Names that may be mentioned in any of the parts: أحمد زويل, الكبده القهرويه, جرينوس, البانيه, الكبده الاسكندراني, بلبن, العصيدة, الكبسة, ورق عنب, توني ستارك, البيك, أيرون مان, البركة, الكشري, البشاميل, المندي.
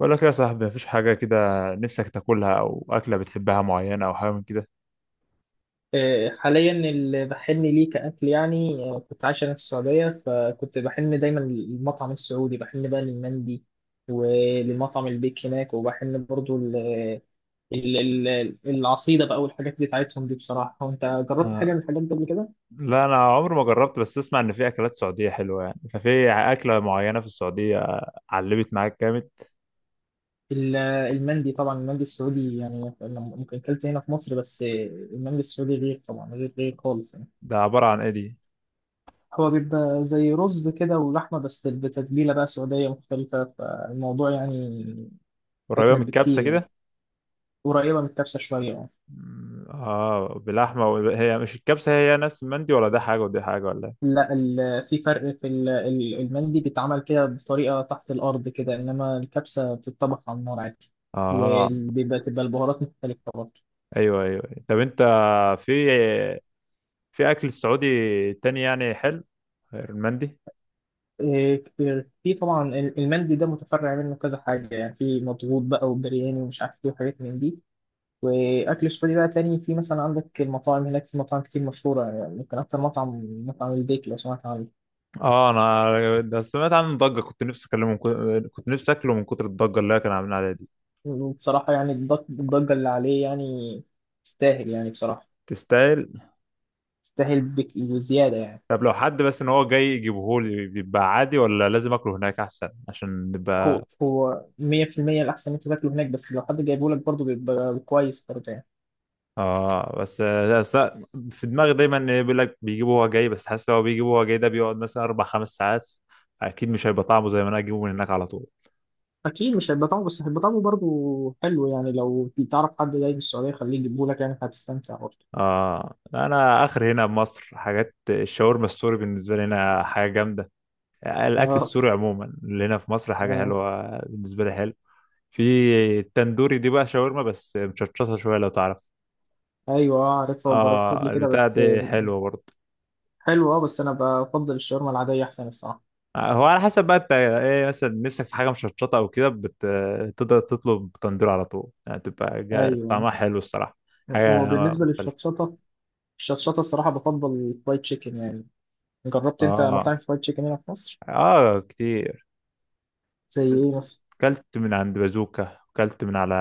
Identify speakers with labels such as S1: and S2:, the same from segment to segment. S1: بقول لك يا صاحبي، مفيش حاجة كده نفسك تاكلها، أو أكلة بتحبها معينة، أو حاجة من كده؟
S2: حاليا اللي بحن ليه كأكل يعني كنت عايش أنا في السعودية فكنت بحن دايما للمطعم السعودي، بحن بقى للمندي ولمطعم البيك هناك، وبحن برضو ال- العصيدة بقى والحاجات بتاعتهم دي بصراحة. وأنت جربت
S1: آه،
S2: حاجة من الحاجات دي قبل كده؟
S1: لا أنا عمري ما جربت، بس أسمع إن في أكلات سعودية حلوة يعني، ففي أكلة معينة في السعودية علمت معاك جامد.
S2: ال- المندي طبعا، المندي السعودي يعني أنا ممكن أكلت هنا في مصر بس، المندي السعودي غير طبعا، غير غير خالص يعني.
S1: ده عبارة عن إيه دي؟
S2: هو بيبقى زي رز كده ولحمة بس بتتبيلة بقى سعودية مختلفة فالموضوع يعني
S1: قريبة من
S2: أجمد بكتير
S1: الكبسة
S2: يعني،
S1: كده.
S2: قريبة من الكبسة شوية يعني.
S1: بلحمة و هي مش الكبسة، هي نفس المندي، ولا ده حاجة ودي حاجة ولا إيه؟
S2: لا في فرق في المندي بيتعمل كده بطريقة تحت الأرض كده، إنما الكبسة بتتطبخ على النار عادي.
S1: آه،
S2: تبقى البهارات مختلفة برضه.
S1: أيوه أيوه أيوة. طب أنت، في في أكل سعودي تاني يعني حلو غير المندي؟
S2: إيه، في طبعا المندي ده متفرع منه كذا حاجة يعني، في مضغوط بقى وبرياني ومش عارف إيه وحاجات من دي. وأكل سوري بقى تاني، في مثلا عندك المطاعم هناك، في مطاعم كتير مشهورة يعني، ممكن أكتر مطعم البيك لو سمعت عنه.
S1: اه، انا ده سمعت عنه ضجه، كنت نفسي اكله من كتر الضجه اللي هي كانوا عاملين عليها دي.
S2: وبصراحة يعني الضجة اللي عليه يعني تستاهل يعني بصراحة،
S1: تستاهل.
S2: يستاهل بك وزيادة يعني.
S1: طب لو حد بس ان هو جاي يجيبه لي بيبقى عادي، ولا لازم اكله هناك احسن عشان نبقى؟
S2: هو 100% الأحسن إن أنت تاكله هناك، بس لو حد جايبه لك برضه بيبقى كويس برضه يعني.
S1: اه بس بس، في دماغي دايما إن بيقول لك بيجيبه هو جاي، بس حاسس لو هو بيجيبه هو جاي ده بيقعد مثلا اربع خمس ساعات، اكيد مش هيبقى طعمه زي ما انا اجيبه من هناك على طول.
S2: أكيد مش هيبقى طعمه، بس هيبقى طعمه برضه حلو يعني، لو تعرف حد جاي من السعودية خليه يجيبه لك يعني هتستمتع برضه.
S1: اه، انا اخر هنا بمصر حاجات الشاورما السوري بالنسبه لي هنا حاجه جامده. الاكل
S2: آه.
S1: السوري عموما اللي هنا في مصر حاجه
S2: آه.
S1: حلوه بالنسبه لي حلو. في التندوري دي بقى شاورما بس مشطشطه شويه لو تعرف.
S2: أيوه، آه، عارفها وجربتها قبل
S1: اه،
S2: كده
S1: البتاع
S2: بس،
S1: دي حلوه برضه.
S2: حلو، أه، بس أنا بفضل الشاورما العادية أحسن الصراحة.
S1: آه، هو على حسب بقى انت ايه مثلا نفسك في حاجه مشطشطه او كده، تقدر تطلب تندور على طول يعني طعمها
S2: أيوه.
S1: حلو الصراحه. حاجه
S2: وبالنسبة
S1: مختلفه.
S2: للشطشطة، الصراحة بفضل الفرايد تشيكن يعني. جربت أنت
S1: اه
S2: مطاعم فرايد تشيكن هنا في مصر؟
S1: اه، كتير.
S2: زي إيه مثلا؟
S1: كلت من عند بازوكا وكلت من على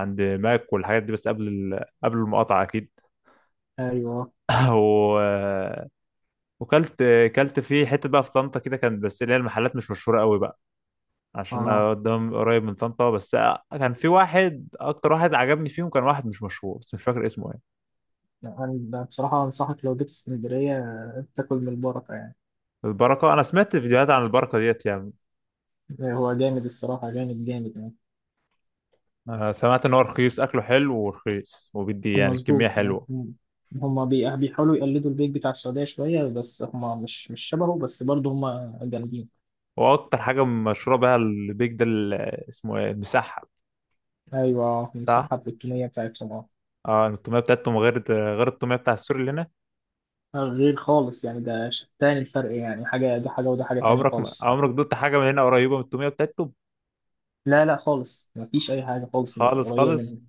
S1: عند ماك والحاجات دي، بس قبل المقاطعه اكيد.
S2: أيوه.
S1: و وكلت كلت في حته بقى في طنطا كده كان، بس اللي هي المحلات مش مشهوره قوي بقى، عشان
S2: آه.
S1: انا قدام قريب من طنطا بس. كان في واحد اكتر واحد عجبني فيهم كان واحد مش مشهور بس مش فاكر اسمه ايه.
S2: أنا بصراحة أنصحك لو جيت اسكندرية تاكل من البركة يعني.
S1: البركه انا سمعت فيديوهات عن البركه ديت يعني.
S2: هو جامد الصراحة، جامد جامد يعني.
S1: أنا سمعت ان هو رخيص اكله حلو ورخيص وبيدي يعني كميه
S2: مظبوط، آه.
S1: حلوه.
S2: هما بيحاولوا يقلدوا البيك بتاع السعودية شوية، بس هما مش شبهه، بس برضه هما جامدين.
S1: واكتر حاجه مشهوره بقى البيك ده، اسمه ايه المسحب.
S2: أيوة،
S1: صح.
S2: المساحة التونية بتاعتهم، اه.
S1: اه التوميه بتاعتهم غير التوميه بتاع السوري اللي هنا.
S2: غير خالص يعني، ده تاني الفرق يعني، حاجة ده حاجة وده حاجة تانية
S1: عمرك ما-
S2: خالص.
S1: عمرك دوت حاجه من هنا قريبه من التوميه بتاعتهم.
S2: لا لا، خالص مفيش أي حاجة خالص
S1: خالص
S2: قريبة
S1: خالص
S2: منهم،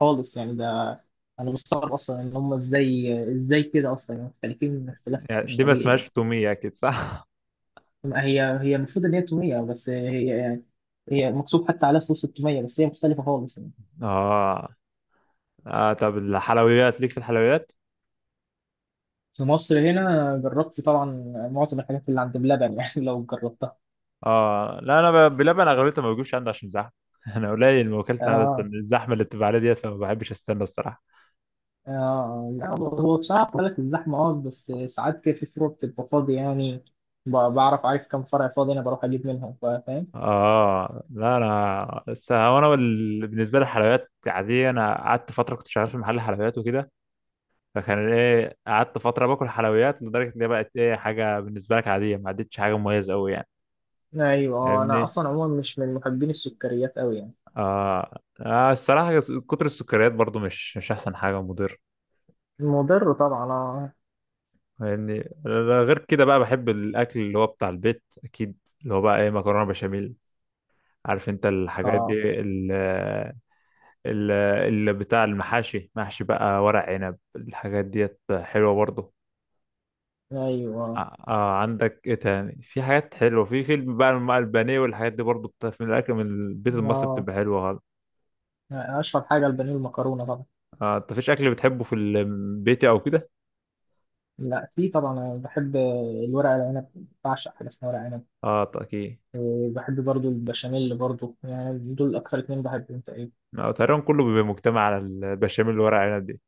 S2: خالص يعني ده. أنا مستغرب أصلا إن هما إزاي إزاي كده أصلا، يعني مختلفين اختلاف
S1: يعني
S2: مش
S1: دي ما
S2: طبيعي يعني.
S1: اسمهاش تومية أكيد صح؟
S2: ما هي المفروض ان هي توميه، بس هي مكتوب حتى عليها صوص التوميه، بس هي مختلفه خالص يعني.
S1: آه. آه، طب الحلويات ليك في الحلويات؟
S2: في مصر هنا جربت طبعا معظم الحاجات اللي عند بلبن يعني لو جربتها.
S1: آه، لا أنا بلبن أغلبيته ما بجيبش عندي عشان زحمة. أنا قليل ما وكلت أنا، بس
S2: اه.
S1: الزحمة اللي بتبقى عليها ديت فما بحبش أستنى الصراحة.
S2: اه، لا هو بصراحه بقول لك الزحمه، اه، بس ساعات كده في فروع بتبقى فاضيه يعني. عارف كم فرع فاضي انا بروح اجيب منهم، فاهم.
S1: آه، لا أنا بس هو أنا بالنسبة للحلويات عادية، أنا قعدت فترة كنت شغال في محل حلويات وكده، فكان إيه قعدت فترة باكل حلويات لدرجة إن هي بقت إيه حاجة بالنسبة لك عادية ما عدتش حاجة مميزة أوي يعني.
S2: ايوه. انا
S1: فاهمني؟
S2: اصلا عموما مش من محبين السكريات قوي يعني.
S1: آه. آه، الصراحة كتر السكريات برضو مش أحسن حاجة، مضر
S2: مضر طبعا، اه.
S1: يعني. غير كده بقى بحب الأكل اللي هو بتاع البيت أكيد، اللي هو بقى إيه مكرونة بشاميل، عارف أنت الحاجات دي،
S2: اه.
S1: ال- اللي بتاع المحاشي محشي بقى ورق عنب الحاجات ديت حلوة برضو.
S2: ايوه.
S1: آه آه، عندك إيه تاني في حاجات حلوة في فيلم بقى، البانيه والحاجات دي برضو بتاع من الأكل من البيت المصري
S2: اه.
S1: بتبقى حلوة خالص.
S2: اشهر حاجه البانيه المكرونه طبعا.
S1: آه أنت فيش أكل بتحبه في البيت أو كده؟
S2: لا، في طبعا انا بحب الورق العنب، بعشق حاجه اسمها ورق عنب.
S1: آه أكيد.
S2: إيه، بحب برضو البشاميل برضو، يعني دول اكتر اتنين بحبهم تقريبا.
S1: آه، تقريبا كله بيبقى مجتمع على البشاميل اللي ورق عنب دي.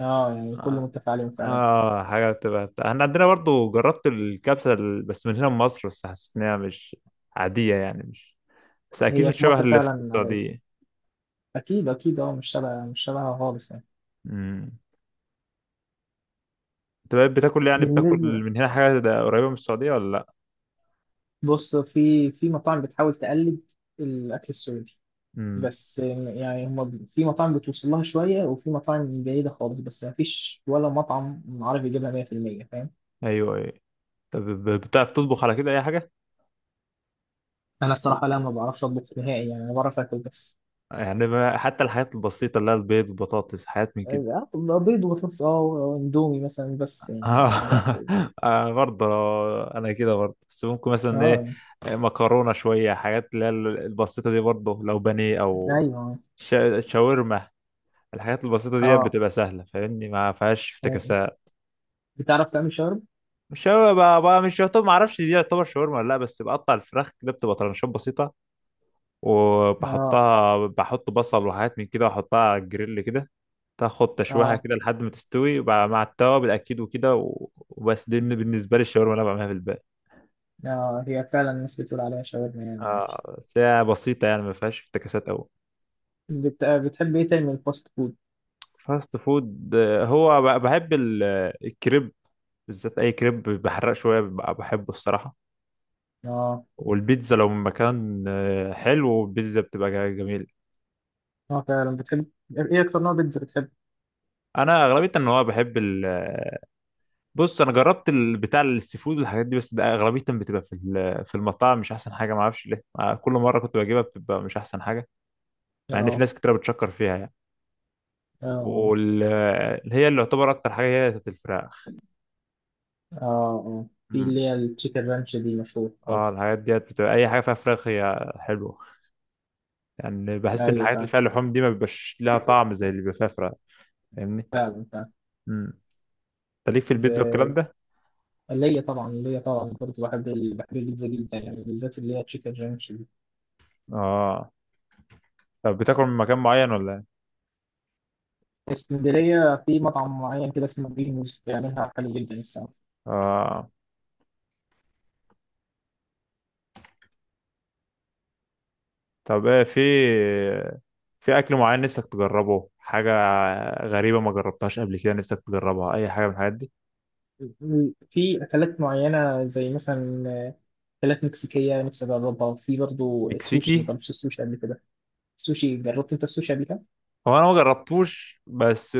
S2: اه، يعني كله
S1: اه
S2: متفق عليهم فعلا.
S1: آه، حاجه بتبقى بتاع. احنا عندنا برضو جربت الكبسه، بس من هنا من مصر، بس حسيت انها مش عاديه يعني مش، بس اكيد
S2: هي
S1: مش
S2: في
S1: شبه
S2: مصر
S1: اللي في
S2: فعلا عليا،
S1: السعوديه.
S2: اكيد اكيد، اه. مش شبهها خالص يعني.
S1: امم انت بقى بتاكل يعني بتاكل
S2: بالنسبه
S1: من هنا حاجه ده قريبه من السعوديه ولا لا؟
S2: بص، في مطاعم بتحاول تقلد الاكل السعودي،
S1: امم،
S2: بس يعني هم في مطاعم بتوصل لها شويه وفي مطاعم بعيده خالص، بس ما فيش ولا مطعم عارف يجيبها 100% فاهم.
S1: ايوه ايوه. طب بتعرف تطبخ على كده اي حاجه؟
S2: انا الصراحه لا، ما بعرفش اطبخ نهائي يعني، انا بعرف اكل بس.
S1: يعني حتى الحاجات البسيطه اللي هي البيض البطاطس حاجات من كده؟
S2: بيض وصوص، اه، واندومي مثلا، بس يعني
S1: اه.
S2: ده اخري.
S1: آه، برضه انا كده برضه، بس ممكن مثلا ايه
S2: اه،
S1: مكرونه شويه، حاجات اللي هي البسيطه دي، برضه لو بانيه او
S2: ايوه.
S1: شاورما. الحاجات البسيطه دي
S2: اه.
S1: بتبقى سهله فاهمني، ما فيهاش
S2: آه.
S1: افتكاسات.
S2: بتعرف تعمل شاورما؟
S1: مش شاورما بقى مش يعتبر ما اعرفش دي يعتبر شاورما ولا لا، بس بقطع الفراخ كده بتبقى طرنشات بسيطه،
S2: اه.
S1: وبحطها بحط بصل وحاجات من كده واحطها على الجريل كده، تاخد تشويحه
S2: اه.
S1: كده لحد ما تستوي، وبقى مع التوابل اكيد وكده وبس. دي بالنسبه لي الشاورما اللي انا بعملها في البيت.
S2: اه، هي فعلا الناس بتقول عليها شاورما يعني عادي.
S1: آه بس هي بسيطة يعني ما فيهاش افتكاسات أوي.
S2: بتحب ايه تاني من الفاست فود؟
S1: فاست فود آه، هو بحب الكريب، بالذات أي كريب بحرق شوية ببقى بحبه الصراحة.
S2: اه.
S1: والبيتزا لو من مكان آه، حلو البيتزا بتبقى جميل.
S2: اه، فعلا. بتحب ايه اكتر نوع بيتزا بتحب؟
S1: أنا أغلبية إن هو بحب ال آه، بص أنا جربت بتاع السي فود والحاجات دي، بس ده أغلبية بتبقى في المطاعم مش أحسن حاجة، معرفش ليه آه، كل مرة كنت بجيبها بتبقى مش أحسن حاجة، مع إن في
S2: اه.
S1: ناس كتير بتشكر فيها يعني.
S2: اه. اه.
S1: واللي هي اللي يعتبر أكتر حاجة هي بتاعت الفراخ.
S2: اه. آه. في
S1: مم.
S2: اللي هي التشيكن رانش دي مشهور
S1: اه
S2: خالص.
S1: الحاجات ديت بتبقى اي حاجه فيها فراخ هي حلوه، يعني بحس ان
S2: ايوه،
S1: الحاجات اللي
S2: فعلا
S1: فيها لحوم دي ما بيبقاش لها طعم زي اللي بيبقى فيها فراخ. فاهمني.
S2: فعلا فعلا.
S1: امم انت ليك في
S2: ب-
S1: البيتزا والكلام ده؟
S2: ليا طبعا، برضه بحب بحب البيتزا جدا يعني، بالذات اللي هي تشيكن رانش.
S1: اه طب بتاكل من مكان معين ولا ايه؟
S2: اسكندرية في مطعم معين كده اسمه جرينوس بيعملها حلو جدا الصراحة.
S1: اه طب ايه، في اكل معين نفسك تجربه، حاجه غريبه ما جربتهاش قبل كده نفسك تجربها اي حاجه من الحاجات دي؟
S2: في أكلات معينة زي مثلا أكلات مكسيكية نفسي أجربها، وفي برضو السوشي، ما
S1: مكسيكي؟
S2: جربتش السوشي قبل كده. السوشي، جربت أنت السوشي قبل كده؟
S1: هو انا ما جربتوش بس،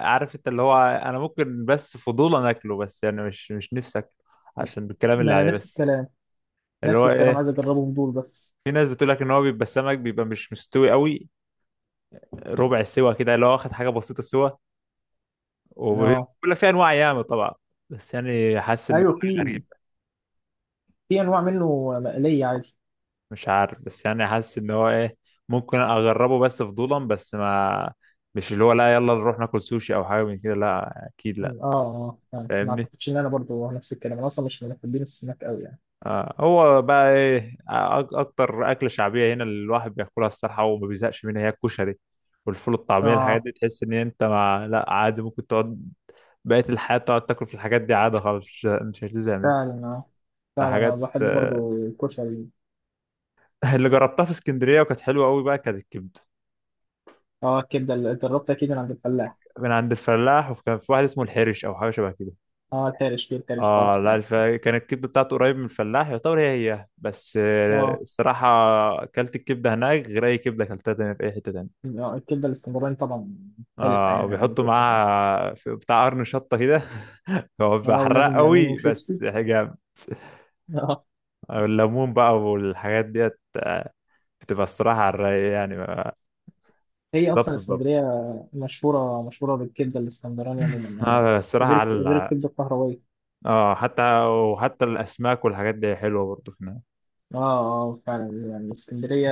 S1: عارف انت اللي هو انا ممكن بس فضولا اكله، بس يعني مش نفسك، عشان الكلام
S2: ما
S1: اللي
S2: أنا
S1: عليه
S2: نفس
S1: بس.
S2: الكلام.
S1: اللي
S2: نفس
S1: هو
S2: الكلام،
S1: ايه؟
S2: عايز أجربهم دول بس.
S1: في ناس بتقول لك ان هو بيبقى السمك بيبقى مش مستوي قوي، ربع السوا كده اللي هو واخد حاجه بسيطه سوا، وبيقول
S2: أه.
S1: لك في انواع ياما طبعا، بس يعني حاسس ان هو
S2: أيوه،
S1: حاجه
S2: في
S1: غريبه،
S2: في أنواع منه مقلية عادي.
S1: مش عارف بس يعني حاسس ان هو ايه، ممكن اجربه بس فضولا، بس ما، مش اللي هو لا يلا نروح ناكل سوشي او حاجه من كده، لا اكيد
S2: أه.
S1: لا.
S2: أه. آه. ما
S1: فاهمني.
S2: أعتقدش إن أنا برضو نفس الكلام، أنا أصلا مش من محبين السمك أوي يعني.
S1: آه، هو بقى ايه اكتر اكله شعبيه هنا اللي الواحد بياكلها الصراحه وما بيزهقش منها، هي الكشري والفول الطعميه، الحاجات
S2: أه،
S1: دي تحس ان انت لا عادي ممكن تقعد بقيه الحياه تقعد تاكل في الحاجات دي عادي خالص، مش هتزهق منها.
S2: فعلا. أه،
S1: آه،
S2: فعلا أنا
S1: حاجات
S2: بحب برضو الكشري.
S1: اللي جربتها في اسكندريه وكانت حلوه قوي بقى كانت الكبده،
S2: اه، الكبده اللي جربتها اكيد من عند الفلاح.
S1: من عند الفلاح، وكان في واحد اسمه الحرش او حاجه شبه كده.
S2: اه، الحرش، في الحرش
S1: اه
S2: برضه
S1: لا،
S2: فعلا.
S1: كانت الكبده بتاعته قريب من الفلاح يعتبر، هي هي بس آه،
S2: اه،
S1: الصراحه اكلت الكبده هناك غير اي كبده اكلتها تاني في اي حته تانية.
S2: الكبده الاسكندراني طبعا مختلفه
S1: اه
S2: يعني عن اي
S1: وبيحطوا
S2: كبده تاني.
S1: معاها في بتاع قرن شطة كده. هو بيبقى
S2: اه،
S1: حراق
S2: ولازم ليمون
S1: قوي
S2: وشيبسي
S1: بس حاجة.
S2: اه.
S1: الليمون بقى والحاجات ديت آه، بتبقى الصراحة على الرايق يعني بالظبط.
S2: هي اصلا
S1: بالظبط.
S2: اسكندريه مشهوره مشهوره بالكبده الاسكندراني عموما يعني،
S1: اه الصراحة
S2: غير غير الكبده القهرويه.
S1: اه حتى الأسماك والحاجات دي حلوة برضو هنا.
S2: اه. اه، فعلا يعني اسكندريه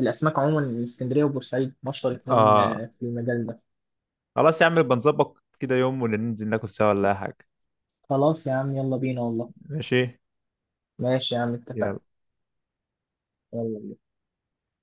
S2: الاسماك عموما، اسكندريه وبورسعيد مشهور اتنين،
S1: اه
S2: في المجال ده.
S1: خلاص يا عم بنظبط كده يوم وننزل ناكل سوا ولا أي حاجة.
S2: خلاص يا عم، يلا بينا والله.
S1: ماشي.
S2: ماشي يا عم، اتفقنا.
S1: يلا.
S2: يلا.